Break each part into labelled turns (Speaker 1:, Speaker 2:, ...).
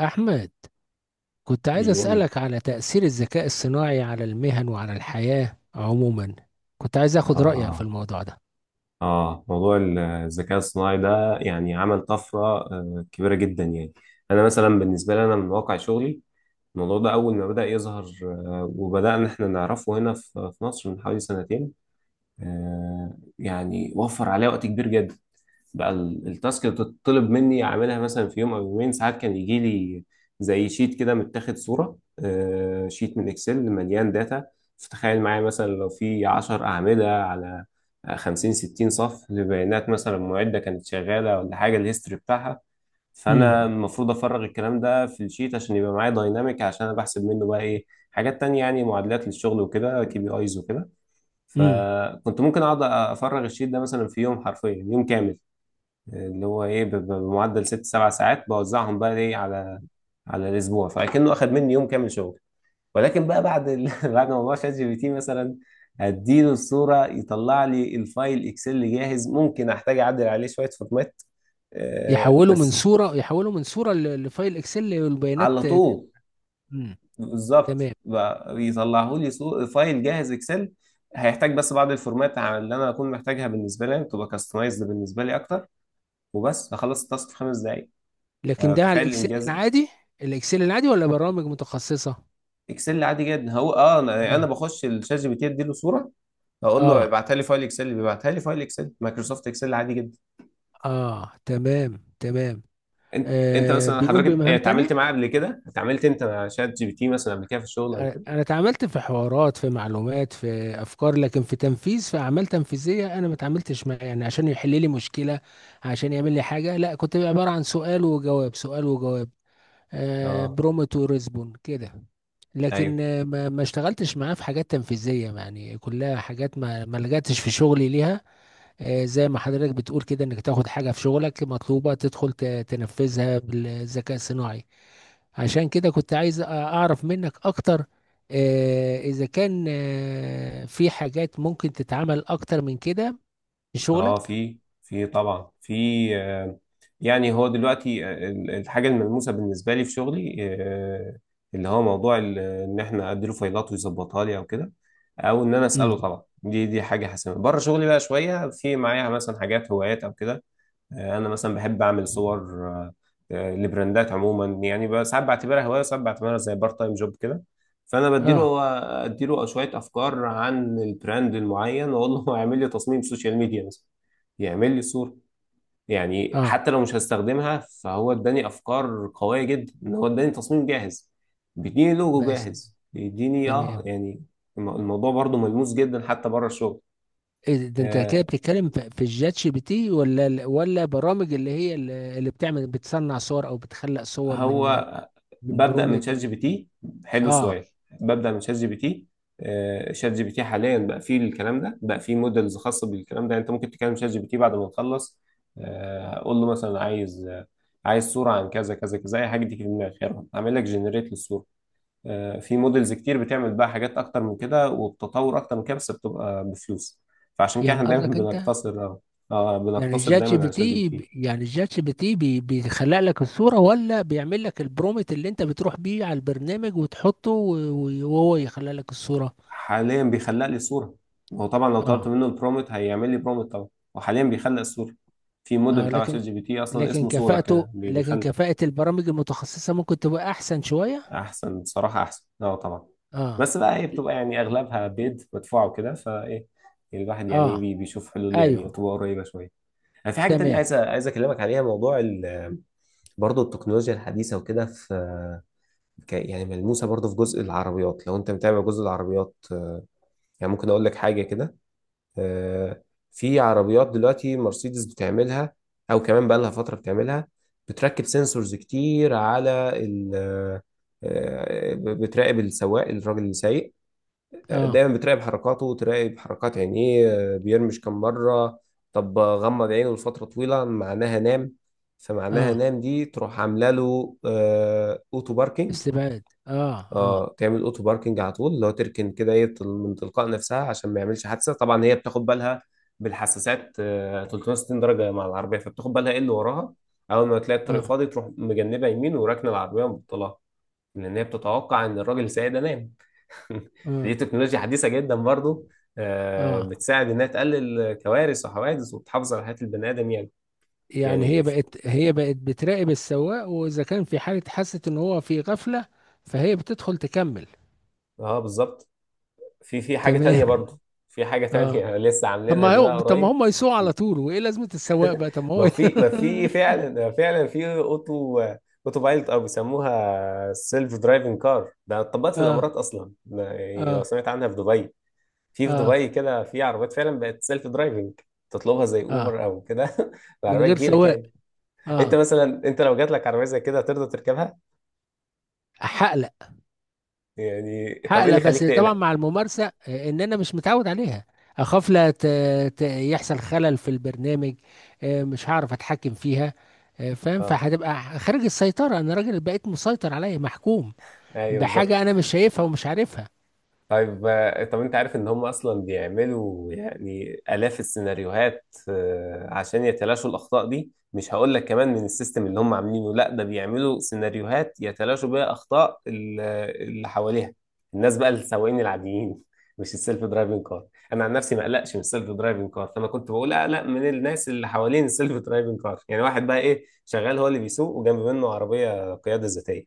Speaker 1: أحمد، كنت عايز
Speaker 2: ايوه.
Speaker 1: أسألك على تأثير الذكاء الصناعي على المهن وعلى الحياة عموما. كنت عايز أخد رأيك في
Speaker 2: اه.
Speaker 1: الموضوع ده.
Speaker 2: اه موضوع الذكاء الصناعي ده يعني عمل طفره كبيره جدا يعني. انا مثلا بالنسبه لي، انا من واقع شغلي الموضوع ده اول ما بدا يظهر، وبدانا احنا نعرفه هنا في مصر من حوالي سنتين. يعني وفر عليا وقت كبير جدا. بقى التاسك اللي تطلب مني اعملها مثلا في يوم او يومين، ساعات كان يجي لي زي شيت كده متاخد صوره، شيت من اكسل مليان داتا. فتخيل معايا مثلا لو في 10 اعمده على 50 60 صف لبيانات، مثلا معده كانت شغاله ولا حاجه، الهيستوري بتاعها. فانا
Speaker 1: امم
Speaker 2: المفروض افرغ الكلام ده في الشيت عشان يبقى معايا دايناميك، عشان انا بحسب منه بقى ايه، حاجات تانية، يعني معادلات للشغل وكده، كي بي ايز وكده.
Speaker 1: امم.
Speaker 2: فكنت ممكن اقعد افرغ الشيت ده مثلا في يوم، حرفيا يوم كامل، اللي هو ايه بمعدل 6 7 ساعات بوزعهم بقى ايه على الاسبوع، فكأنه اخد مني يوم كامل شغل. ولكن بقى بعد بعد موضوع شات جي بي تي، مثلا اديله الصوره يطلع لي الفايل اكسل جاهز، ممكن احتاج اعدل عليه شويه فورمات،
Speaker 1: يحولوا من
Speaker 2: بس.
Speaker 1: صورة، لفايل إكسل والبيانات.
Speaker 2: على طول.
Speaker 1: امم.
Speaker 2: بالظبط،
Speaker 1: تمام.
Speaker 2: بقى يطلعوا لي فايل جاهز اكسل. هيحتاج بس بعض الفورمات على اللي انا اكون محتاجها، بالنسبه لي تبقى كاستمايزد بالنسبه لي اكتر. وبس هخلص التاسك في 5 دقائق.
Speaker 1: لكن ده على
Speaker 2: فتخيل
Speaker 1: الإكسل
Speaker 2: الانجاز ده.
Speaker 1: العادي؟ الإكسل العادي ولا برامج متخصصة؟
Speaker 2: اكسل عادي جدا. هو اه، انا يعني
Speaker 1: آه.
Speaker 2: أنا بخش الشات جي بي تي اديله صوره، هقول له
Speaker 1: آه.
Speaker 2: ابعتها لي فايل اكسل، بيبعتها لي فايل اكسل مايكروسوفت اكسل عادي جدا.
Speaker 1: آه، تمام تمام.
Speaker 2: انت
Speaker 1: آه،
Speaker 2: مثلا
Speaker 1: بيقوم
Speaker 2: حضرتك،
Speaker 1: بمهام
Speaker 2: اتعاملت
Speaker 1: تانية.
Speaker 2: معاه قبل كده؟ اتعاملت انت مع شات جي بي تي مثلا قبل كده في الشغل قبل
Speaker 1: انا
Speaker 2: كده؟
Speaker 1: أنا اتعاملت في حوارات، في معلومات، في افكار، لكن في تنفيذ، في اعمال تنفيذيه، انا ما اتعاملتش معاه يعني عشان يحل لي مشكله، عشان يعمل لي حاجه، لا. كنت عباره عن سؤال وجواب، سؤال وجواب. آه،
Speaker 2: اه.
Speaker 1: برومت وريسبون كده.
Speaker 2: ايوه.
Speaker 1: لكن ما اشتغلتش معاه في حاجات تنفيذيه، يعني كلها حاجات ما لجأتش في شغلي ليها. آه، زي ما حضرتك بتقول كده، انك تاخد حاجه في شغلك مطلوبه تدخل تنفذها بالذكاء الصناعي. عشان كده كنت عايز اعرف منك اكتر، اذا كان في حاجات ممكن تتعمل اكتر من كده في
Speaker 2: اه
Speaker 1: شغلك.
Speaker 2: في، طبعا في، آه، يعني هو دلوقتي، الحاجه الملموسه بالنسبه لي في شغلي، اللي هو موضوع ان احنا اديله فايلات ويظبطها لي او كده، او ان انا اساله.
Speaker 1: امم.
Speaker 2: طبعا دي حاجه حاسمه. بره شغلي بقى شويه في معايا مثلا حاجات هوايات او كده. انا مثلا بحب اعمل صور، آه، لبراندات عموما. يعني ساعات بعتبرها هوايه وساعات بعتبرها زي بارت تايم جوب كده. فانا
Speaker 1: اه.
Speaker 2: بديله اديله شويه افكار عن البراند المعين واقول له اعمل لي تصميم سوشيال ميديا مثلا، يعمل لي صوره. يعني
Speaker 1: اه،
Speaker 2: حتى لو مش هستخدمها فهو اداني افكار قويه جدا، ان هو اداني تصميم جاهز، بيديني لوجو
Speaker 1: بس.
Speaker 2: جاهز، بيديني اه
Speaker 1: تمام.
Speaker 2: يعني الموضوع برضو ملموس جدا حتى بره الشغل.
Speaker 1: إيه ده؟ انت كده
Speaker 2: آه،
Speaker 1: بتتكلم في الجات جي بي تي ولا ولا برامج اللي هي اللي بتعمل، بتصنع صور او بتخلق صور من
Speaker 2: هو
Speaker 1: من
Speaker 2: ببدأ من
Speaker 1: برومت،
Speaker 2: شات جي بي
Speaker 1: من؟
Speaker 2: تي. حلو
Speaker 1: اه.
Speaker 2: السؤال. ببدأ من شات جي بي تي. شات جي بي تي حاليا بقى فيه الكلام ده، بقى فيه موديلز خاصة بالكلام ده. يعني انت ممكن تكلم شات جي بي تي بعد ما تخلص، قول له مثلا عايز صورة عن كذا كذا كذا، اي حاجة تيجي في دماغك، يلا اعمل لك جنريت للصورة. في موديلز كتير بتعمل بقى حاجات اكتر من كده وبتطور اكتر من كده، بس بتبقى بفلوس. فعشان كده
Speaker 1: يعني
Speaker 2: احنا دايما
Speaker 1: قصدك انت
Speaker 2: بنقتصر اه،
Speaker 1: يعني
Speaker 2: بنقتصر
Speaker 1: الشات جي
Speaker 2: دايما
Speaker 1: بي
Speaker 2: على شات جي بي
Speaker 1: تي
Speaker 2: تي.
Speaker 1: يعني الشات جي بي تي بيخلق لك الصورة ولا بيعمل لك البرومت اللي انت بتروح بيه على البرنامج وتحطه وهو يخلق لك الصورة؟
Speaker 2: حاليا بيخلق لي صورة. هو طبعا لو طلبت
Speaker 1: اه.
Speaker 2: منه البرومت هيعمل لي برومت طبعا. وحاليا بيخلق الصورة. في
Speaker 1: اه،
Speaker 2: موديل تبع شات
Speaker 1: لكن،
Speaker 2: جي بي تي اصلا
Speaker 1: لكن
Speaker 2: اسمه صورة
Speaker 1: كفاءته
Speaker 2: كده
Speaker 1: لكن
Speaker 2: بيخلق.
Speaker 1: كفاءة البرامج المتخصصة ممكن تبقى احسن شوية.
Speaker 2: احسن بصراحة، احسن اه طبعا.
Speaker 1: اه.
Speaker 2: بس بقى هي بتبقى يعني اغلبها بيد مدفوع وكده فايه، الواحد يعني
Speaker 1: اه،
Speaker 2: بيشوف حلول يعني
Speaker 1: ايوه،
Speaker 2: تبقى قريبة شوية. انا في حاجة تانية
Speaker 1: تمام.
Speaker 2: عايز اكلمك عليها، موضوع برضه التكنولوجيا الحديثة وكده. في يعني ملموسة برضه في جزء العربيات لو انت متابع جزء العربيات، يعني ممكن اقول لك حاجة كده، آه، في عربيات دلوقتي مرسيدس بتعملها، او كمان بقى لها فتره بتعملها. بتركب سنسورز كتير على ال بتراقب السواق، الراجل اللي سايق.
Speaker 1: اه.
Speaker 2: دايما بتراقب حركاته، تراقب حركات عينيه، بيرمش كم مره. طب غمض عينه لفتره طويله، معناها نام. فمعناها
Speaker 1: اه،
Speaker 2: نام دي تروح عامله له اوتو باركينج.
Speaker 1: استبعاد. اه. اه.
Speaker 2: اه، تعمل اوتو باركنج على طول لو تركن كده ايه، من تلقاء نفسها عشان ما يعملش حادثه. طبعا هي بتاخد بالها بالحساسات 360 درجه مع العربيه، فبتاخد بالها ايه اللي وراها. اول ما تلاقي الطريق
Speaker 1: اه.
Speaker 2: فاضي تروح مجنبه يمين وراكنه العربيه ومبطلها، لان هي بتتوقع ان الراجل السايق ده نام.
Speaker 1: اه.
Speaker 2: دي تكنولوجيا حديثه جدا برضو،
Speaker 1: آه.
Speaker 2: بتساعد انها تقلل كوارث وحوادث وبتحافظ على حياه البني ادم يعني.
Speaker 1: يعني هي
Speaker 2: يعني ف-
Speaker 1: بقت، بتراقب السواق، واذا كان في حاله حست ان هو في غفله فهي بتدخل تكمل.
Speaker 2: اه بالظبط. في حاجه تانية
Speaker 1: تمام.
Speaker 2: برضو. في حاجه
Speaker 1: اه.
Speaker 2: تانية لسه
Speaker 1: طب
Speaker 2: عاملينها
Speaker 1: ما
Speaker 2: دي بقى
Speaker 1: هو، ما
Speaker 2: قريب.
Speaker 1: هم يسوقوا على طول؟ وايه لازمه السواق بقى؟ طب ما هو.
Speaker 2: ما في فعلا، فعلا في اوتو بايلوت، او بيسموها سيلف درايفنج كار. ده اتطبقت في
Speaker 1: اه.
Speaker 2: الامارات اصلا. ده يعني لو
Speaker 1: اه.
Speaker 2: سمعت عنها في دبي، في
Speaker 1: اه.
Speaker 2: دبي كده في عربيات فعلا بقت سيلف درايفنج. تطلبها زي
Speaker 1: اه،
Speaker 2: اوبر او كده
Speaker 1: من
Speaker 2: العربيه
Speaker 1: غير
Speaker 2: تجيلك
Speaker 1: سواق.
Speaker 2: يعني. انت
Speaker 1: اه.
Speaker 2: مثلا، لو جات لك عربيه زي كده هترضى تركبها؟
Speaker 1: حقلق.
Speaker 2: يعني طب ايه
Speaker 1: حقلق،
Speaker 2: اللي
Speaker 1: بس
Speaker 2: يخليك
Speaker 1: طبعا
Speaker 2: تقلق؟
Speaker 1: مع الممارسه، ان انا مش متعود عليها. اخاف لا يحصل خلل في البرنامج، مش هعرف اتحكم فيها، فاهم،
Speaker 2: اه
Speaker 1: فهتبقى خارج السيطره. انا راجل بقيت مسيطر، عليا محكوم
Speaker 2: ايوه بالظبط.
Speaker 1: بحاجة أنا مش شايفها ومش عارفها.
Speaker 2: طيب، طب انت عارف ان هم اصلا بيعملوا يعني الاف السيناريوهات، عشان يتلاشوا الاخطاء دي؟ مش هقول لك كمان من السيستم اللي هم عاملينه، لا ده بيعملوا سيناريوهات يتلاشوا بيها اخطاء اللي حواليها، الناس بقى السواقين العاديين، مش السيلف درايفنج كار. انا عن نفسي ما اقلقش من السيلف درايفنج كار، فانا كنت بقول اقلق من الناس اللي حوالين السيلف درايفنج كار. يعني واحد بقى ايه شغال هو اللي بيسوق وجنب منه عربية قيادة ذاتية،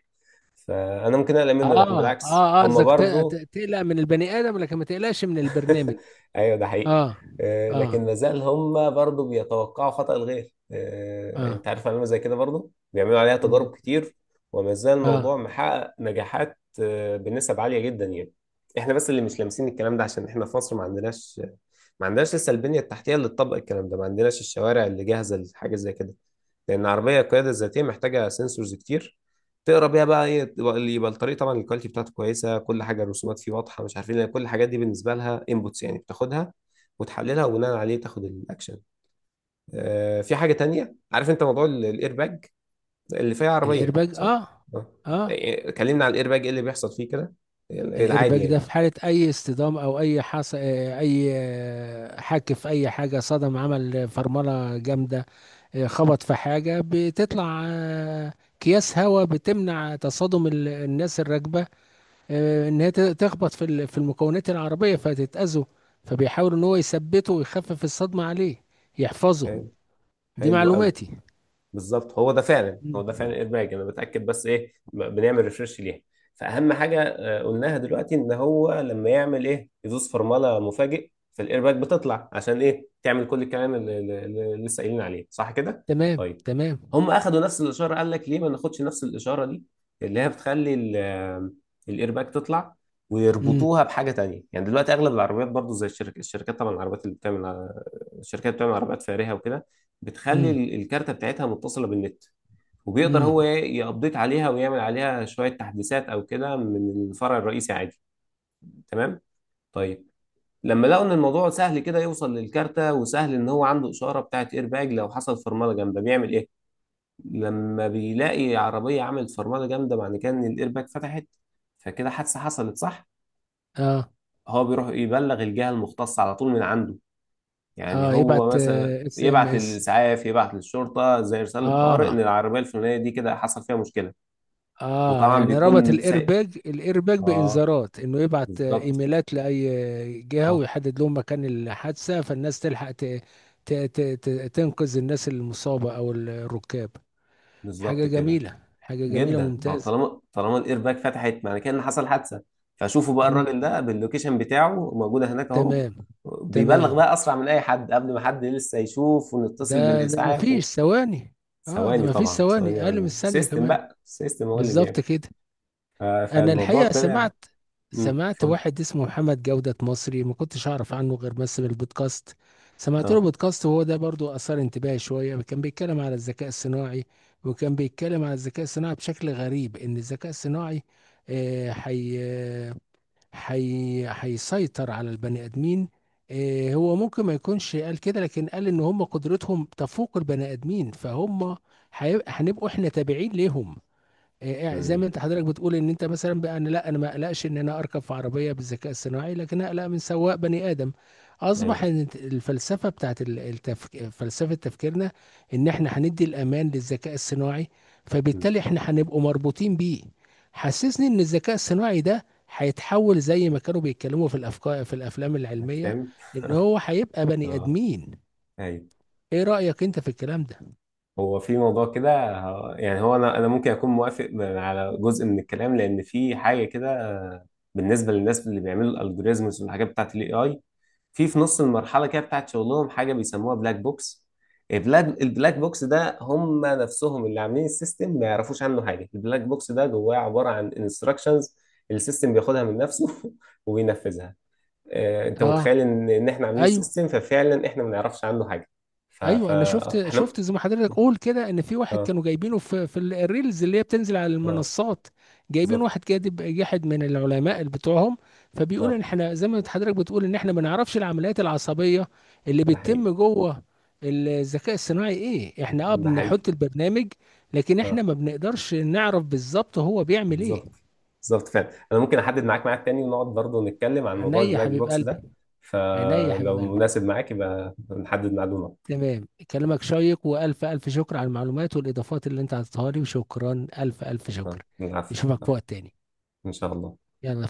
Speaker 2: فانا ممكن اقلق منه.
Speaker 1: آه.
Speaker 2: لكن
Speaker 1: آه.
Speaker 2: بالعكس
Speaker 1: آه،
Speaker 2: هم
Speaker 1: قصدك
Speaker 2: برضو.
Speaker 1: تقلق من البني آدم لكن ما تقلقش من البرنامج.
Speaker 2: ايوه ده حقيقي.
Speaker 1: آه. آه.
Speaker 2: لكن مازال هم برضو بيتوقعوا خطأ الغير،
Speaker 1: آه،
Speaker 2: انت عارف علامة زي كده برضو بيعملوا عليها
Speaker 1: إن.
Speaker 2: تجارب كتير. ومازال
Speaker 1: آه.
Speaker 2: الموضوع محقق نجاحات، بنسب عالية جدا يعني. احنا بس اللي مش لامسين الكلام ده عشان احنا في مصر ما عندناش. لسه البنية التحتية اللي تطبق الكلام ده، ما عندناش الشوارع اللي جاهزة لحاجة زي كده. لان عربيه القياده الذاتيه محتاجه سنسورز كتير تقرا بيها بقى ايه اللي يبقى الطريق طبعا الكواليتي بتاعته كويسه، كل حاجه الرسومات فيه واضحه، مش عارفين. لان كل الحاجات دي بالنسبه لها انبوتس، يعني بتاخدها وتحللها وبناء عليه تاخد الاكشن. آه، في حاجه تانية. عارف انت موضوع الاير باج اللي فيها عربيه؟
Speaker 1: الإيرباج؟
Speaker 2: صح؟
Speaker 1: آه.
Speaker 2: آه.
Speaker 1: آه.
Speaker 2: كلمنا عن الاير باج ايه اللي بيحصل فيه كده، العادي
Speaker 1: الإيرباج ده
Speaker 2: يعني.
Speaker 1: في حالة أي اصطدام، أو أي حص... آه، أي، حك في أي حاجة، صدم، عمل فرملة جامدة، خبط في حاجة، بتطلع أكياس هواء بتمنع تصادم الناس الراكبة، ان هي تخبط في في المكونات العربيه فتتاذوا. فبيحاول ان هو يثبته ويخفف الصدمه عليه، يحفظه.
Speaker 2: آه،
Speaker 1: دي
Speaker 2: حلو قوي.
Speaker 1: معلوماتي.
Speaker 2: بالظبط، هو ده فعلا، هو
Speaker 1: مم.
Speaker 2: ده فعلا ادماج. انا بتاكد بس ايه بنعمل ريفرش ليها. فاهم حاجه، قلناها دلوقتي ان هو لما يعمل ايه يدوس فرمله مفاجئ، فالايرباك بتطلع عشان ايه تعمل كل الكلام اللي لسه قايلين عليه صح كده.
Speaker 1: تمام
Speaker 2: طيب،
Speaker 1: تمام.
Speaker 2: هم اخدوا نفس الاشاره. قال لك ليه ما ناخدش نفس الاشاره دي اللي هي بتخلي الايرباك تطلع
Speaker 1: امم.
Speaker 2: ويربطوها بحاجه تانية. يعني دلوقتي اغلب العربيات برضو زي الشركات، طبعا العربيات اللي بتعمل، الشركات بتعمل عربيات فارهه وكده، بتخلي
Speaker 1: امم.
Speaker 2: الكارتة بتاعتها متصلة بالنت. وبيقدر
Speaker 1: امم.
Speaker 2: هو يابديت عليها ويعمل عليها شوية تحديثات أو كده من الفرع الرئيسي عادي. تمام. طيب. لما لقوا إن الموضوع سهل كده يوصل للكارتة، وسهل إن هو عنده إشارة بتاعت إيرباج، لو حصل فرملة جامدة بيعمل إيه؟ لما بيلاقي عربية عملت فرملة جامدة معنى كده إن الإيرباج فتحت، فكده حادثة حصلت صح؟
Speaker 1: اه.
Speaker 2: هو بيروح يبلغ الجهة المختصة على طول من عنده. يعني
Speaker 1: اه،
Speaker 2: هو
Speaker 1: يبعت
Speaker 2: مثلا
Speaker 1: اس ام
Speaker 2: يبعت
Speaker 1: اس.
Speaker 2: للإسعاف، يبعت للشرطة زي رسالة طوارئ، إن
Speaker 1: اه.
Speaker 2: العربية الفلانية دي كده حصل فيها مشكلة.
Speaker 1: اه،
Speaker 2: وطبعا
Speaker 1: يعني ربط
Speaker 2: بيكون سايق.
Speaker 1: الايرباج
Speaker 2: آه.
Speaker 1: بانذارات انه يبعت،
Speaker 2: بالظبط.
Speaker 1: ايميلات، لاي جهه،
Speaker 2: آه
Speaker 1: ويحدد لهم مكان الحادثه، فالناس تلحق ت... ت... ت- تنقذ الناس المصابه او الركاب. حاجة
Speaker 2: بالظبط كده.
Speaker 1: جميلة، حاجة جميلة،
Speaker 2: جدا. أو
Speaker 1: ممتازة.
Speaker 2: طالما الإيرباك فتحت معنى كده إن حصل حادثة، فشوفوا بقى
Speaker 1: مم.
Speaker 2: الراجل ده باللوكيشن بتاعه موجودة هناك أهو.
Speaker 1: تمام
Speaker 2: بيبلغ
Speaker 1: تمام.
Speaker 2: بقى أسرع من أي حد، قبل ما حد لسه يشوف ونتصل
Speaker 1: ده
Speaker 2: بالإسعاف و...
Speaker 1: مفيش ثواني. اه، ده
Speaker 2: ثواني
Speaker 1: مفيش
Speaker 2: طبعا، ثواني.
Speaker 1: ثواني، اقل من
Speaker 2: عندهم
Speaker 1: الثانية
Speaker 2: سيستم
Speaker 1: كمان.
Speaker 2: بقى، السيستم هو اللي
Speaker 1: بالظبط
Speaker 2: بيعمل.
Speaker 1: كده. انا
Speaker 2: فالموضوع
Speaker 1: الحقيقة
Speaker 2: طلع.
Speaker 1: سمعت،
Speaker 2: مم،
Speaker 1: سمعت
Speaker 2: اتفضل.
Speaker 1: واحد اسمه محمد جودة، مصري، ما كنتش اعرف عنه غير بس من البودكاست. سمعت له
Speaker 2: اه.
Speaker 1: بودكاست، وهو ده برضو اثار انتباهي شوية. كان بيتكلم على الذكاء الصناعي، وكان بيتكلم على الذكاء الصناعي بشكل غريب، ان الذكاء الصناعي حي، هيسيطر على البني ادمين. هو ممكن ما يكونش قال كده، لكن قال ان هم قدرتهم تفوق البني ادمين، هنبقوا احنا تابعين ليهم. زي
Speaker 2: مم.
Speaker 1: ما انت حضرتك بتقول ان انت مثلا، بقى انا لا، انا ما اقلقش ان انا اركب في عربيه بالذكاء الصناعي، لكن اقلق من سواق بني ادم. اصبح
Speaker 2: ايوه.
Speaker 1: ان الفلسفه بتاعت فلسفه تفكيرنا ان احنا هندي الامان للذكاء الصناعي،
Speaker 2: مم.
Speaker 1: فبالتالي احنا هنبقوا مربوطين بيه. حسسني ان الذكاء الصناعي ده هيتحول زي ما كانوا بيتكلموا في الافكار في الافلام العلميه،
Speaker 2: افلام.
Speaker 1: ان هو هيبقى بني
Speaker 2: اه.
Speaker 1: ادمين.
Speaker 2: ايوه.
Speaker 1: ايه رايك انت في الكلام ده؟
Speaker 2: هو في موضوع كده يعني هو انا ممكن اكون موافق على جزء من الكلام، لان في حاجه كده بالنسبه للناس اللي بيعملوا الالجوريزمز والحاجات بتاعت الاي اي. في نص المرحله كده بتاعت شغلهم حاجه بيسموها بلاك بوكس. البلاك بوكس ده هم نفسهم اللي عاملين السيستم ما يعرفوش عنه حاجه. البلاك بوكس ده جواه عباره عن انستراكشنز، السيستم بياخدها من نفسه وبينفذها. انت
Speaker 1: اه.
Speaker 2: متخيل ان احنا عاملين
Speaker 1: ايوه.
Speaker 2: سيستم، ففعلا احنا ما نعرفش عنه حاجه. ف ف
Speaker 1: ايوه، انا شفت،
Speaker 2: احنا
Speaker 1: شفت زي ما حضرتك قول كده، ان في واحد
Speaker 2: اه.
Speaker 1: كانوا جايبينه في الريلز اللي هي بتنزل على
Speaker 2: اه
Speaker 1: المنصات. جايبين
Speaker 2: بالظبط.
Speaker 1: واحد كاتب جاحد من العلماء اللي بتوعهم، فبيقول ان
Speaker 2: اه
Speaker 1: احنا زي ما حضرتك بتقول، ان احنا ما نعرفش العمليات العصبيه اللي
Speaker 2: ده حقيقي.
Speaker 1: بتتم جوه الذكاء الصناعي. ايه احنا؟ اه،
Speaker 2: ده حقيقي.
Speaker 1: بنحط البرنامج، لكن احنا
Speaker 2: اه
Speaker 1: ما بنقدرش نعرف بالظبط هو بيعمل ايه.
Speaker 2: بالظبط. بالظبط فعلا. انا ممكن احدد معاك ميعاد تاني ونقعد برضه نتكلم عن موضوع
Speaker 1: عينيا يا
Speaker 2: البلاك
Speaker 1: حبيب
Speaker 2: بوكس
Speaker 1: قلبي.
Speaker 2: ده.
Speaker 1: عينيا يا حبيب
Speaker 2: فلو
Speaker 1: قلبي.
Speaker 2: مناسب معاك يبقى نحدد ميعاد ونقعد.
Speaker 1: تمام، كلامك شيق، والف الف شكر على المعلومات والاضافات اللي انت عطيتها لي، وشكرا، الف الف شكر.
Speaker 2: العفو
Speaker 1: نشوفك في
Speaker 2: العفو.
Speaker 1: وقت تاني.
Speaker 2: ان شاء الله.
Speaker 1: يلا.